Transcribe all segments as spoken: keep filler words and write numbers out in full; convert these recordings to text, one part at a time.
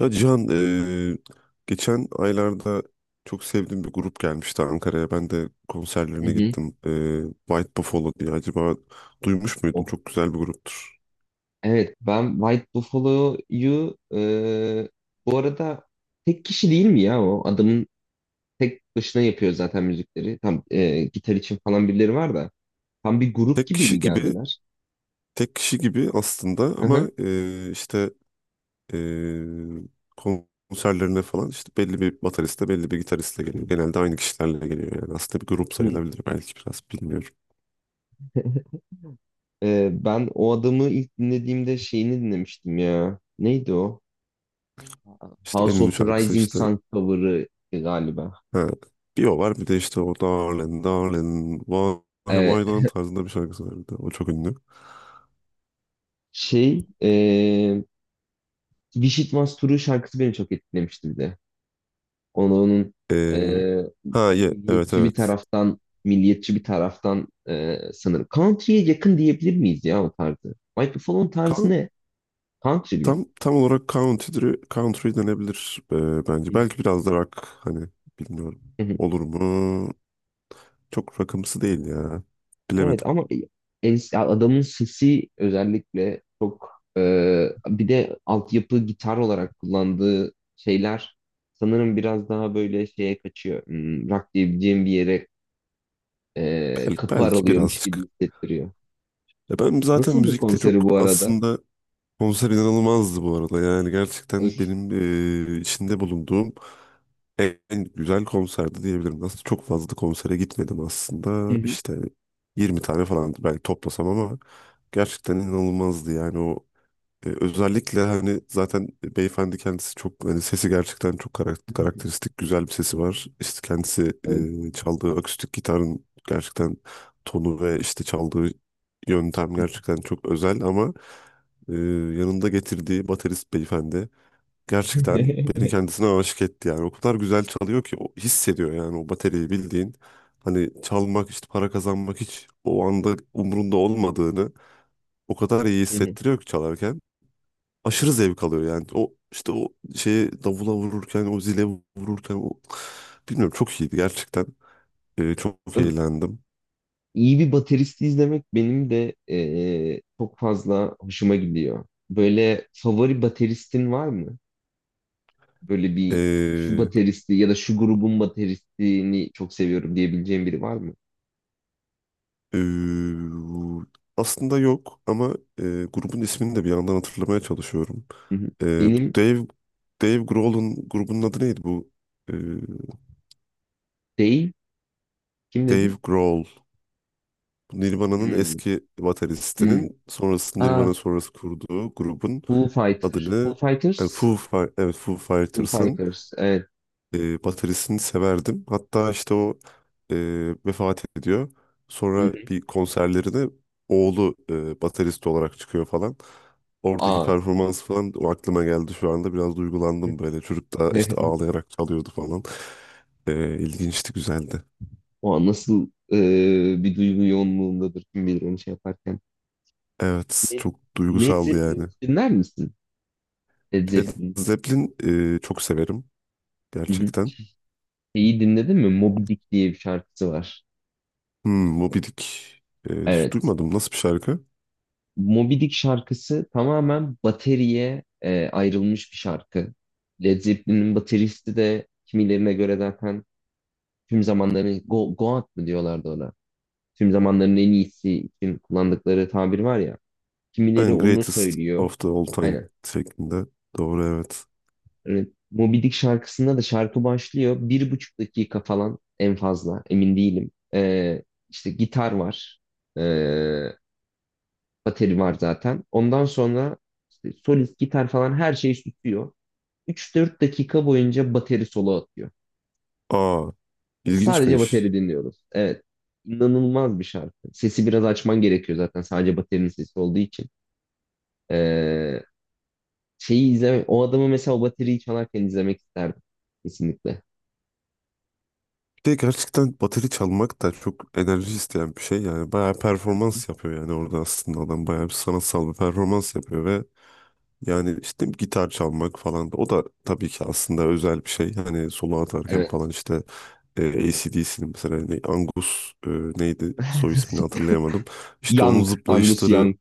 Ya Cihan, eee, geçen aylarda çok sevdiğim bir grup gelmişti Ankara'ya. Ben de Hı konserlerine hı. gittim. Eee, White Buffalo diye. Acaba duymuş muydun? Oh. Çok güzel bir gruptur. Evet, ben White Buffalo'yu e, bu arada tek kişi değil mi ya o? Adamın tek başına yapıyor zaten müzikleri. Tam e, gitar için falan birileri var da. Tam bir grup Tek gibi kişi mi gibi, geldiler? tek kişi gibi aslında Hı hı. ama eee, işte eee, konserlerine falan işte belli bir bateriste, belli bir gitaristle geliyor. Genelde aynı kişilerle geliyor yani. Aslında bir grup Hı. sayılabilir belki biraz bilmiyorum. E, ben o adamı ilk dinlediğimde şeyini dinlemiştim ya. Neydi o? İşte en House ünlü of the şarkısı Rising işte. Sun cover'ı galiba. Ha, bir o var bir de işte o Darling Darling Why E, Why Darling tarzında bir şarkısı var bir de. O çok ünlü. şey e, Wish It Was True şarkısı beni çok etkilemişti bir de. Onu, onun e, Ee, ha ye, evet milliyetçi bir evet. taraftan milliyetçi bir taraftan e, sanırım. Country'ye yakın diyebilir miyiz ya o tarzı? Michael Fallon tarzı Kan- ne? Country mi? tam tam olarak country, country denebilir ee, bence. Belki biraz da rock hani bilmiyorum. Hı hı. Olur mu? Çok rockımsı değil ya. Evet, Bilemedim. ama e, en- adamın sesi özellikle çok e, bir de altyapı gitar olarak kullandığı şeyler sanırım biraz daha böyle şeye kaçıyor. Hmm, rock diyebileceğim bir yere e, Belki, kapı belki aralıyormuş gibi birazcık. hissettiriyor. Ya ben zaten Nasıldı müzikte çok konseri bu arada? aslında konser inanılmazdı bu arada. Yani gerçekten Öf. benim ee, içinde bulunduğum en güzel konserdi diyebilirim. Aslında çok fazla da konsere gitmedim Hı aslında. hı. İşte yirmi tane falan belki toplasam ama gerçekten inanılmazdı. Yani o e, özellikle hani zaten beyefendi kendisi çok hani sesi gerçekten çok karak- karakteristik güzel bir sesi var. İşte kendisi Evet. e, çaldığı akustik gitarın gerçekten tonu ve işte çaldığı yöntem gerçekten çok özel ama e, yanında getirdiği baterist beyefendi gerçekten beni kendisine aşık etti yani. O kadar güzel çalıyor ki o hissediyor yani o bateriyi bildiğin. Hani çalmak işte para kazanmak hiç o anda umurunda olmadığını o kadar iyi Hı hı. hissettiriyor ki çalarken. Aşırı zevk alıyor yani. O işte o şeyi davula vururken o zile vururken o, bilmiyorum, çok iyiydi gerçekten. Ee, çok Ö- eğlendim. iyi bir bateristi izlemek benim de eee, çok fazla hoşuma gidiyor. Böyle favori bateristin var mı? Böyle bir, şu Ee, bateristi ya da şu grubun bateristini çok seviyorum diyebileceğim biri var mı? Ee, aslında yok ama e, grubun ismini de bir yandan hatırlamaya çalışıyorum. Hı hı. Ee, bu Benim Dave Dave Grohl'un grubunun adı neydi bu? Ee, değil. Kim dedi? Dave Grohl. Bu Nirvana'nın Hmm. eski Hmm. bateristinin sonrası Aa, Nirvana sonrası kurduğu grubun Foo Fighters. Foo adını, yani Fighters? Foo, Fi- evet, Foo Foo Fighters'ın Fighters. Evet. e, bataryasını severdim. Hatta işte o e, vefat ediyor. Hı Sonra hı. bir konserlerine oğlu e, baterist olarak çıkıyor falan. Oradaki Aa. performans falan o aklıma geldi şu anda. Biraz duygulandım böyle. Çocuk da işte ağlayarak çalıyordu falan. E, ilginçti, güzeldi. O nasıl eee, bir duygu yoğunluğundadır, kim bilir onu şey yaparken. Evet, Led çok Led duygusaldı Zeppelin yani. dinler misin? Led Led Zeppelin. Zeppelin e, çok severim Hı hı. gerçekten. Şeyi dinledin mi? Moby Dick diye bir şarkısı var. Hmm, Moby Dick. Ee, hiç Evet. duymadım. Nasıl bir şarkı? Moby Dick şarkısı tamamen bateriye e, ayrılmış bir şarkı. Led Zeppelin'in bateristi de kimilerine göre zaten tüm zamanların Go, God mı diyorlardı ona. Tüm zamanların en iyisi için kullandıkları tabir var ya. Kimileri Yani onu Greatest söylüyor. of the All Time Aynen. şeklinde. Doğru evet. Evet. Moby Dick şarkısında da şarkı başlıyor. Bir buçuk dakika falan en fazla. Emin değilim. Ee, işte gitar var. Ee, Bateri var zaten. Ondan sonra işte solist, gitar falan her şeyi tutuyor. Üç dört dakika boyunca bateri solo atıyor. Aa, Sadece ilginçmiş. bateri dinliyoruz. Evet. İnanılmaz bir şarkı. Sesi biraz açman gerekiyor zaten sadece baterinin sesi olduğu için. Ee, Şeyi izlemek, o adamı mesela o bateriyi çalarken izlemek isterdim. Kesinlikle. Bir de gerçekten bateri çalmak da çok enerji isteyen bir şey. Yani bayağı performans yapıyor yani orada aslında adam bayağı bir sanatsal bir performans yapıyor ve yani işte gitar çalmak falan o da tabii ki aslında özel bir şey. Hani solo atarken falan Evet. işte e, D dcnin mesela ne- Angus e, neydi soy ismini hatırlayamadım. İşte onun Young, Angus zıplayışları. Young.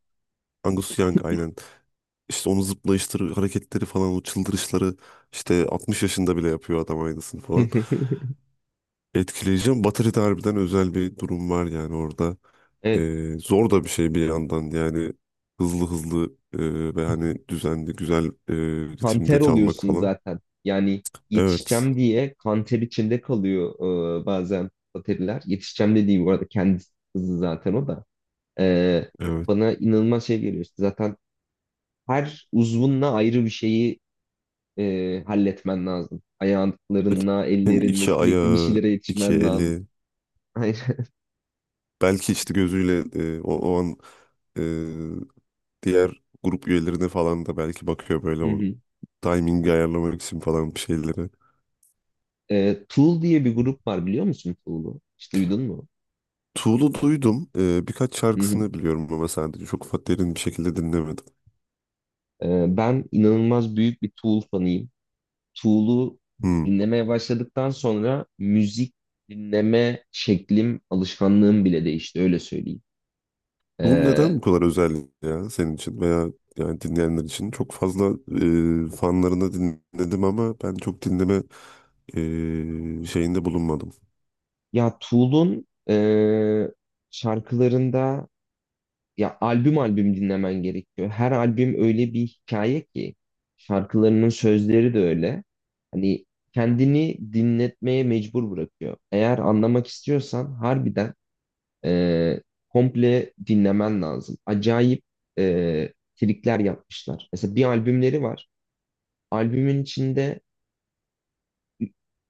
Angus Young aynen. İşte onun zıplayışları, hareketleri falan o çıldırışları işte altmış yaşında bile yapıyor adam aynısını falan. Etkileyeceğim. Batarya'da harbiden özel bir durum var yani orada. Evet. Ee, zor da bir şey bir yandan yani hızlı hızlı e, ve hani düzenli güzel e, ritimde Kanter çalmak oluyorsun falan. zaten. Yani Evet, yetişeceğim diye kanter içinde kalıyor e, bazen bateriler. Yetişeceğim dediği bu arada kendi hızı zaten o da. E, evet. Bana inanılmaz şey geliyor. İşte zaten her uzvunla ayrı bir şeyi e, halletmen lazım. Ayaklarınla, Hem ellerinle iki sürekli bir ayağı, şeylere iki yetişmen lazım. eli, Aynen. belki işte gözüyle e, o, o an e, diğer grup üyelerine falan da belki bakıyor böyle Hı o hı. timingi ayarlamak için falan bir şeyleri. E, Tool diye bir grup var, biliyor musun Tool'u? Hiç duydun mu? Tool'u duydum. E, birkaç Hı hı. şarkısını biliyorum ama sadece çok fa- derin bir şekilde dinlemedim. E, ben inanılmaz büyük bir Tool fanıyım. Tool'u Hmm. dinlemeye başladıktan sonra müzik dinleme şeklim, alışkanlığım bile değişti, öyle söyleyeyim. Bu Ee, neden bu kadar özel ya senin için veya yani dinleyenler için? Çok fazla e, fanlarını dinledim ama ben çok dinleme e, şeyinde bulunmadım. Ya Tool'un e, şarkılarında ya albüm albüm dinlemen gerekiyor. Her albüm öyle bir hikaye ki, şarkılarının sözleri de öyle. Hani kendini dinletmeye mecbur bırakıyor. Eğer anlamak istiyorsan harbiden e, komple dinlemen lazım. Acayip e, trikler yapmışlar. Mesela bir albümleri var. Albümün içinde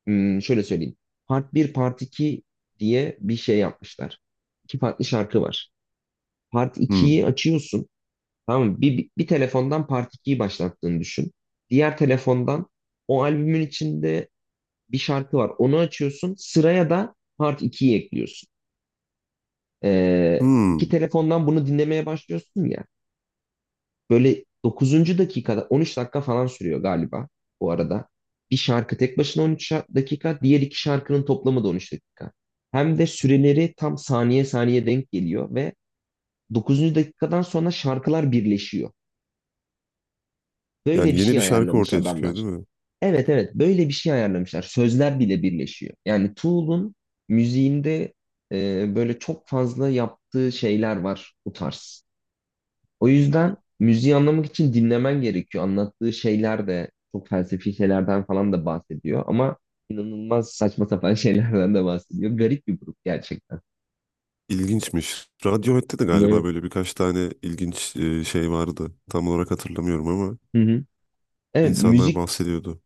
hmm, şöyle söyleyeyim. Part bir, Part iki diye bir şey yapmışlar. İki farklı şarkı var. Part Hmm. ikiyi açıyorsun. Tamam mı? Bir, bir telefondan Part ikiyi başlattığını düşün. Diğer telefondan o albümün içinde bir şarkı var. Onu açıyorsun. Sıraya da Part ikiyi ekliyorsun. Ee, iki Hmm. telefondan bunu dinlemeye başlıyorsun ya. Böyle dokuzuncu dakikada on üç dakika falan sürüyor galiba bu arada. Bir şarkı tek başına on üç şa- dakika, diğer iki şarkının toplamı da on üç dakika. Hem de süreleri tam saniye saniye denk geliyor ve dokuzuncu dakikadan sonra şarkılar birleşiyor. Böyle Yani bir yeni şey bir şarkı ayarlamış ortaya çıkıyor adamlar. değil mi? Evet, evet, böyle bir şey ayarlamışlar. Sözler bile birleşiyor. Yani Tool'un müziğinde e, böyle çok fazla yaptığı şeyler var bu tarz. O yüzden müziği anlamak için dinlemen gerekiyor. Anlattığı şeyler de çok felsefi şeylerden falan da bahsediyor ama inanılmaz saçma sapan şeylerden de bahsediyor. Garip bir grup gerçekten. İlginçmiş. Radiohead'te de galiba Evet. böyle birkaç tane ilginç e, şey vardı. Tam olarak hatırlamıyorum ama Hı hı. Evet, insanlar müzik işte bahsediyordu.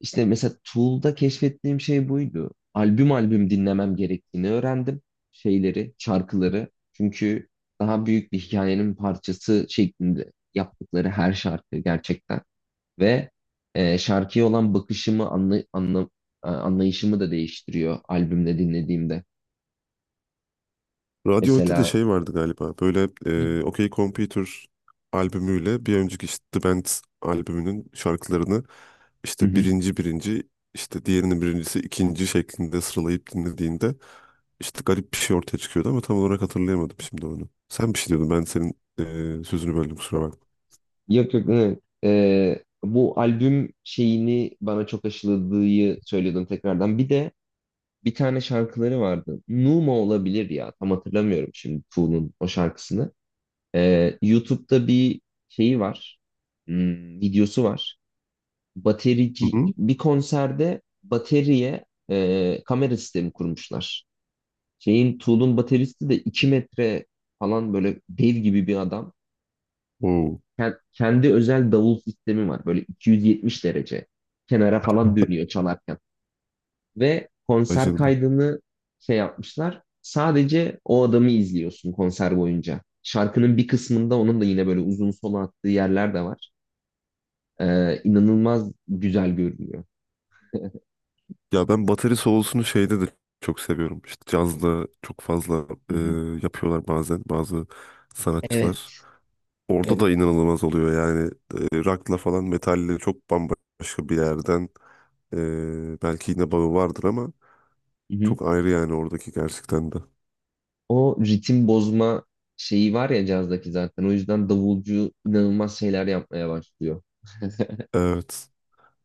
işte mesela Tool'da keşfettiğim şey buydu. Albüm albüm dinlemem gerektiğini öğrendim. Şeyleri, şarkıları. Çünkü daha büyük bir hikayenin parçası şeklinde yaptıkları her şarkı gerçekten. Ve e, şarkıya olan bakışımı anla, anla- e, anlayışımı da değiştiriyor albümde dinlediğimde. Radiohead'de de Mesela. şey vardı galiba. Böyle Hı hı. e, OK Computer albümüyle bir önceki işte The Band albümünün şarkılarını Hı işte hı. birinci birinci işte diğerinin birincisi ikinci şeklinde sıralayıp dinlediğinde işte garip bir şey ortaya çıkıyordu ama tam olarak hatırlayamadım şimdi onu. Sen bir şey diyordun ben senin e, sözünü böldüm kusura bakma. Yok, yok. Evet. Ee, bu albüm şeyini bana çok aşıladığı söylüyordum tekrardan. Bir de bir tane şarkıları vardı. Numa olabilir ya. Tam hatırlamıyorum şimdi Tool'un o şarkısını. Ee, YouTube'da bir şeyi var. Hmm, videosu var. Hı Baterici hı. bir konserde bateriye e, kamera sistemi kurmuşlar. Şeyin Tool'un bateristi de iki metre falan böyle dev gibi bir adam. Oo, Ken- Kendi özel davul sistemi var. Böyle iki yüz yetmiş derece kenara falan dönüyor çalarken. Ve vay konser canına. kaydını şey yapmışlar. Sadece o adamı izliyorsun konser boyunca. Şarkının bir kısmında onun da yine böyle uzun solo attığı yerler de var. Ee, inanılmaz güzel görünüyor. Ya ben bateri solosunu şeyde de çok seviyorum. İşte cazda çok fazla Hı e, hı. yapıyorlar bazen bazı Evet. sanatçılar. Orada Evet. da inanılmaz oluyor yani e, rock'la falan metalle çok bambaşka bir yerden e, belki yine bağı vardır ama çok ayrı yani oradaki gerçekten de. O ritim bozma şeyi var ya cazdaki zaten. O yüzden davulcu inanılmaz şeyler yapmaya başlıyor. Evet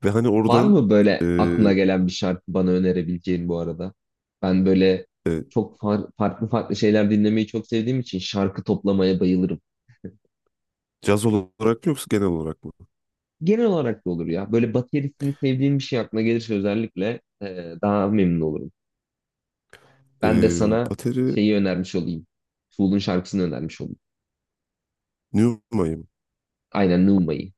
ve hani Var oradan mı e, böyle aklına gelen bir şarkı bana önerebileceğin bu arada? Ben böyle e, çok far- farklı farklı şeyler dinlemeyi çok sevdiğim için şarkı toplamaya bayılırım. caz olarak mı yoksa genel olarak mı? Genel olarak da olur ya. Böyle baterisini sevdiğim bir şey aklına gelirse özellikle e, daha memnun olurum. E, Ben de sana bateri şeyi önermiş olayım. Tool'un şarkısını önermiş olayım. Newmay'ım. Aynen Numa'yı.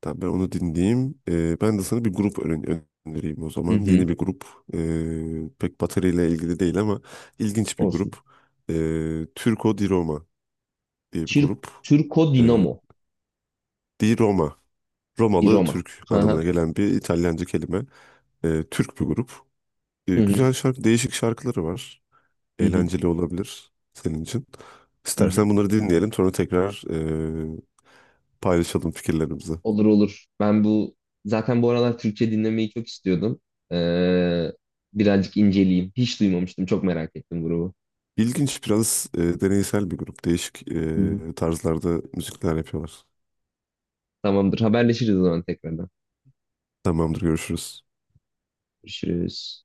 Tamam ben onu dinleyeyim. E, ben de sana bir grup öne- önereyim o Hı zaman. hı. Yeni bir grup. E, pek bateriyle ilgili değil ama ilginç bir grup. Olsun. E, Turco di Roma diye bir Çir grup. Türko E, Dinamo. di Roma. Bir Romalı Roma. Türk Hı hı. anlamına gelen bir İtalyanca kelime. Ee, Türk bir grup. Ee, Hı hı. güzel şarkı, değişik şarkıları var. Hı hı. Eğlenceli olabilir senin için. Hı hı. İstersen bunları dinleyelim sonra tekrar e, paylaşalım fikirlerimizi. Olur, olur. Ben bu zaten bu aralar Türkçe dinlemeyi çok istiyordum. Ee, Birazcık inceleyeyim. Hiç duymamıştım. Çok merak ettim grubu. İlginç biraz e, deneysel bir grup. Değişik Hı hı. e, tarzlarda müzikler yapıyorlar. Tamamdır. Haberleşiriz o zaman tekrardan. Tamamdır görüşürüz. Görüşürüz.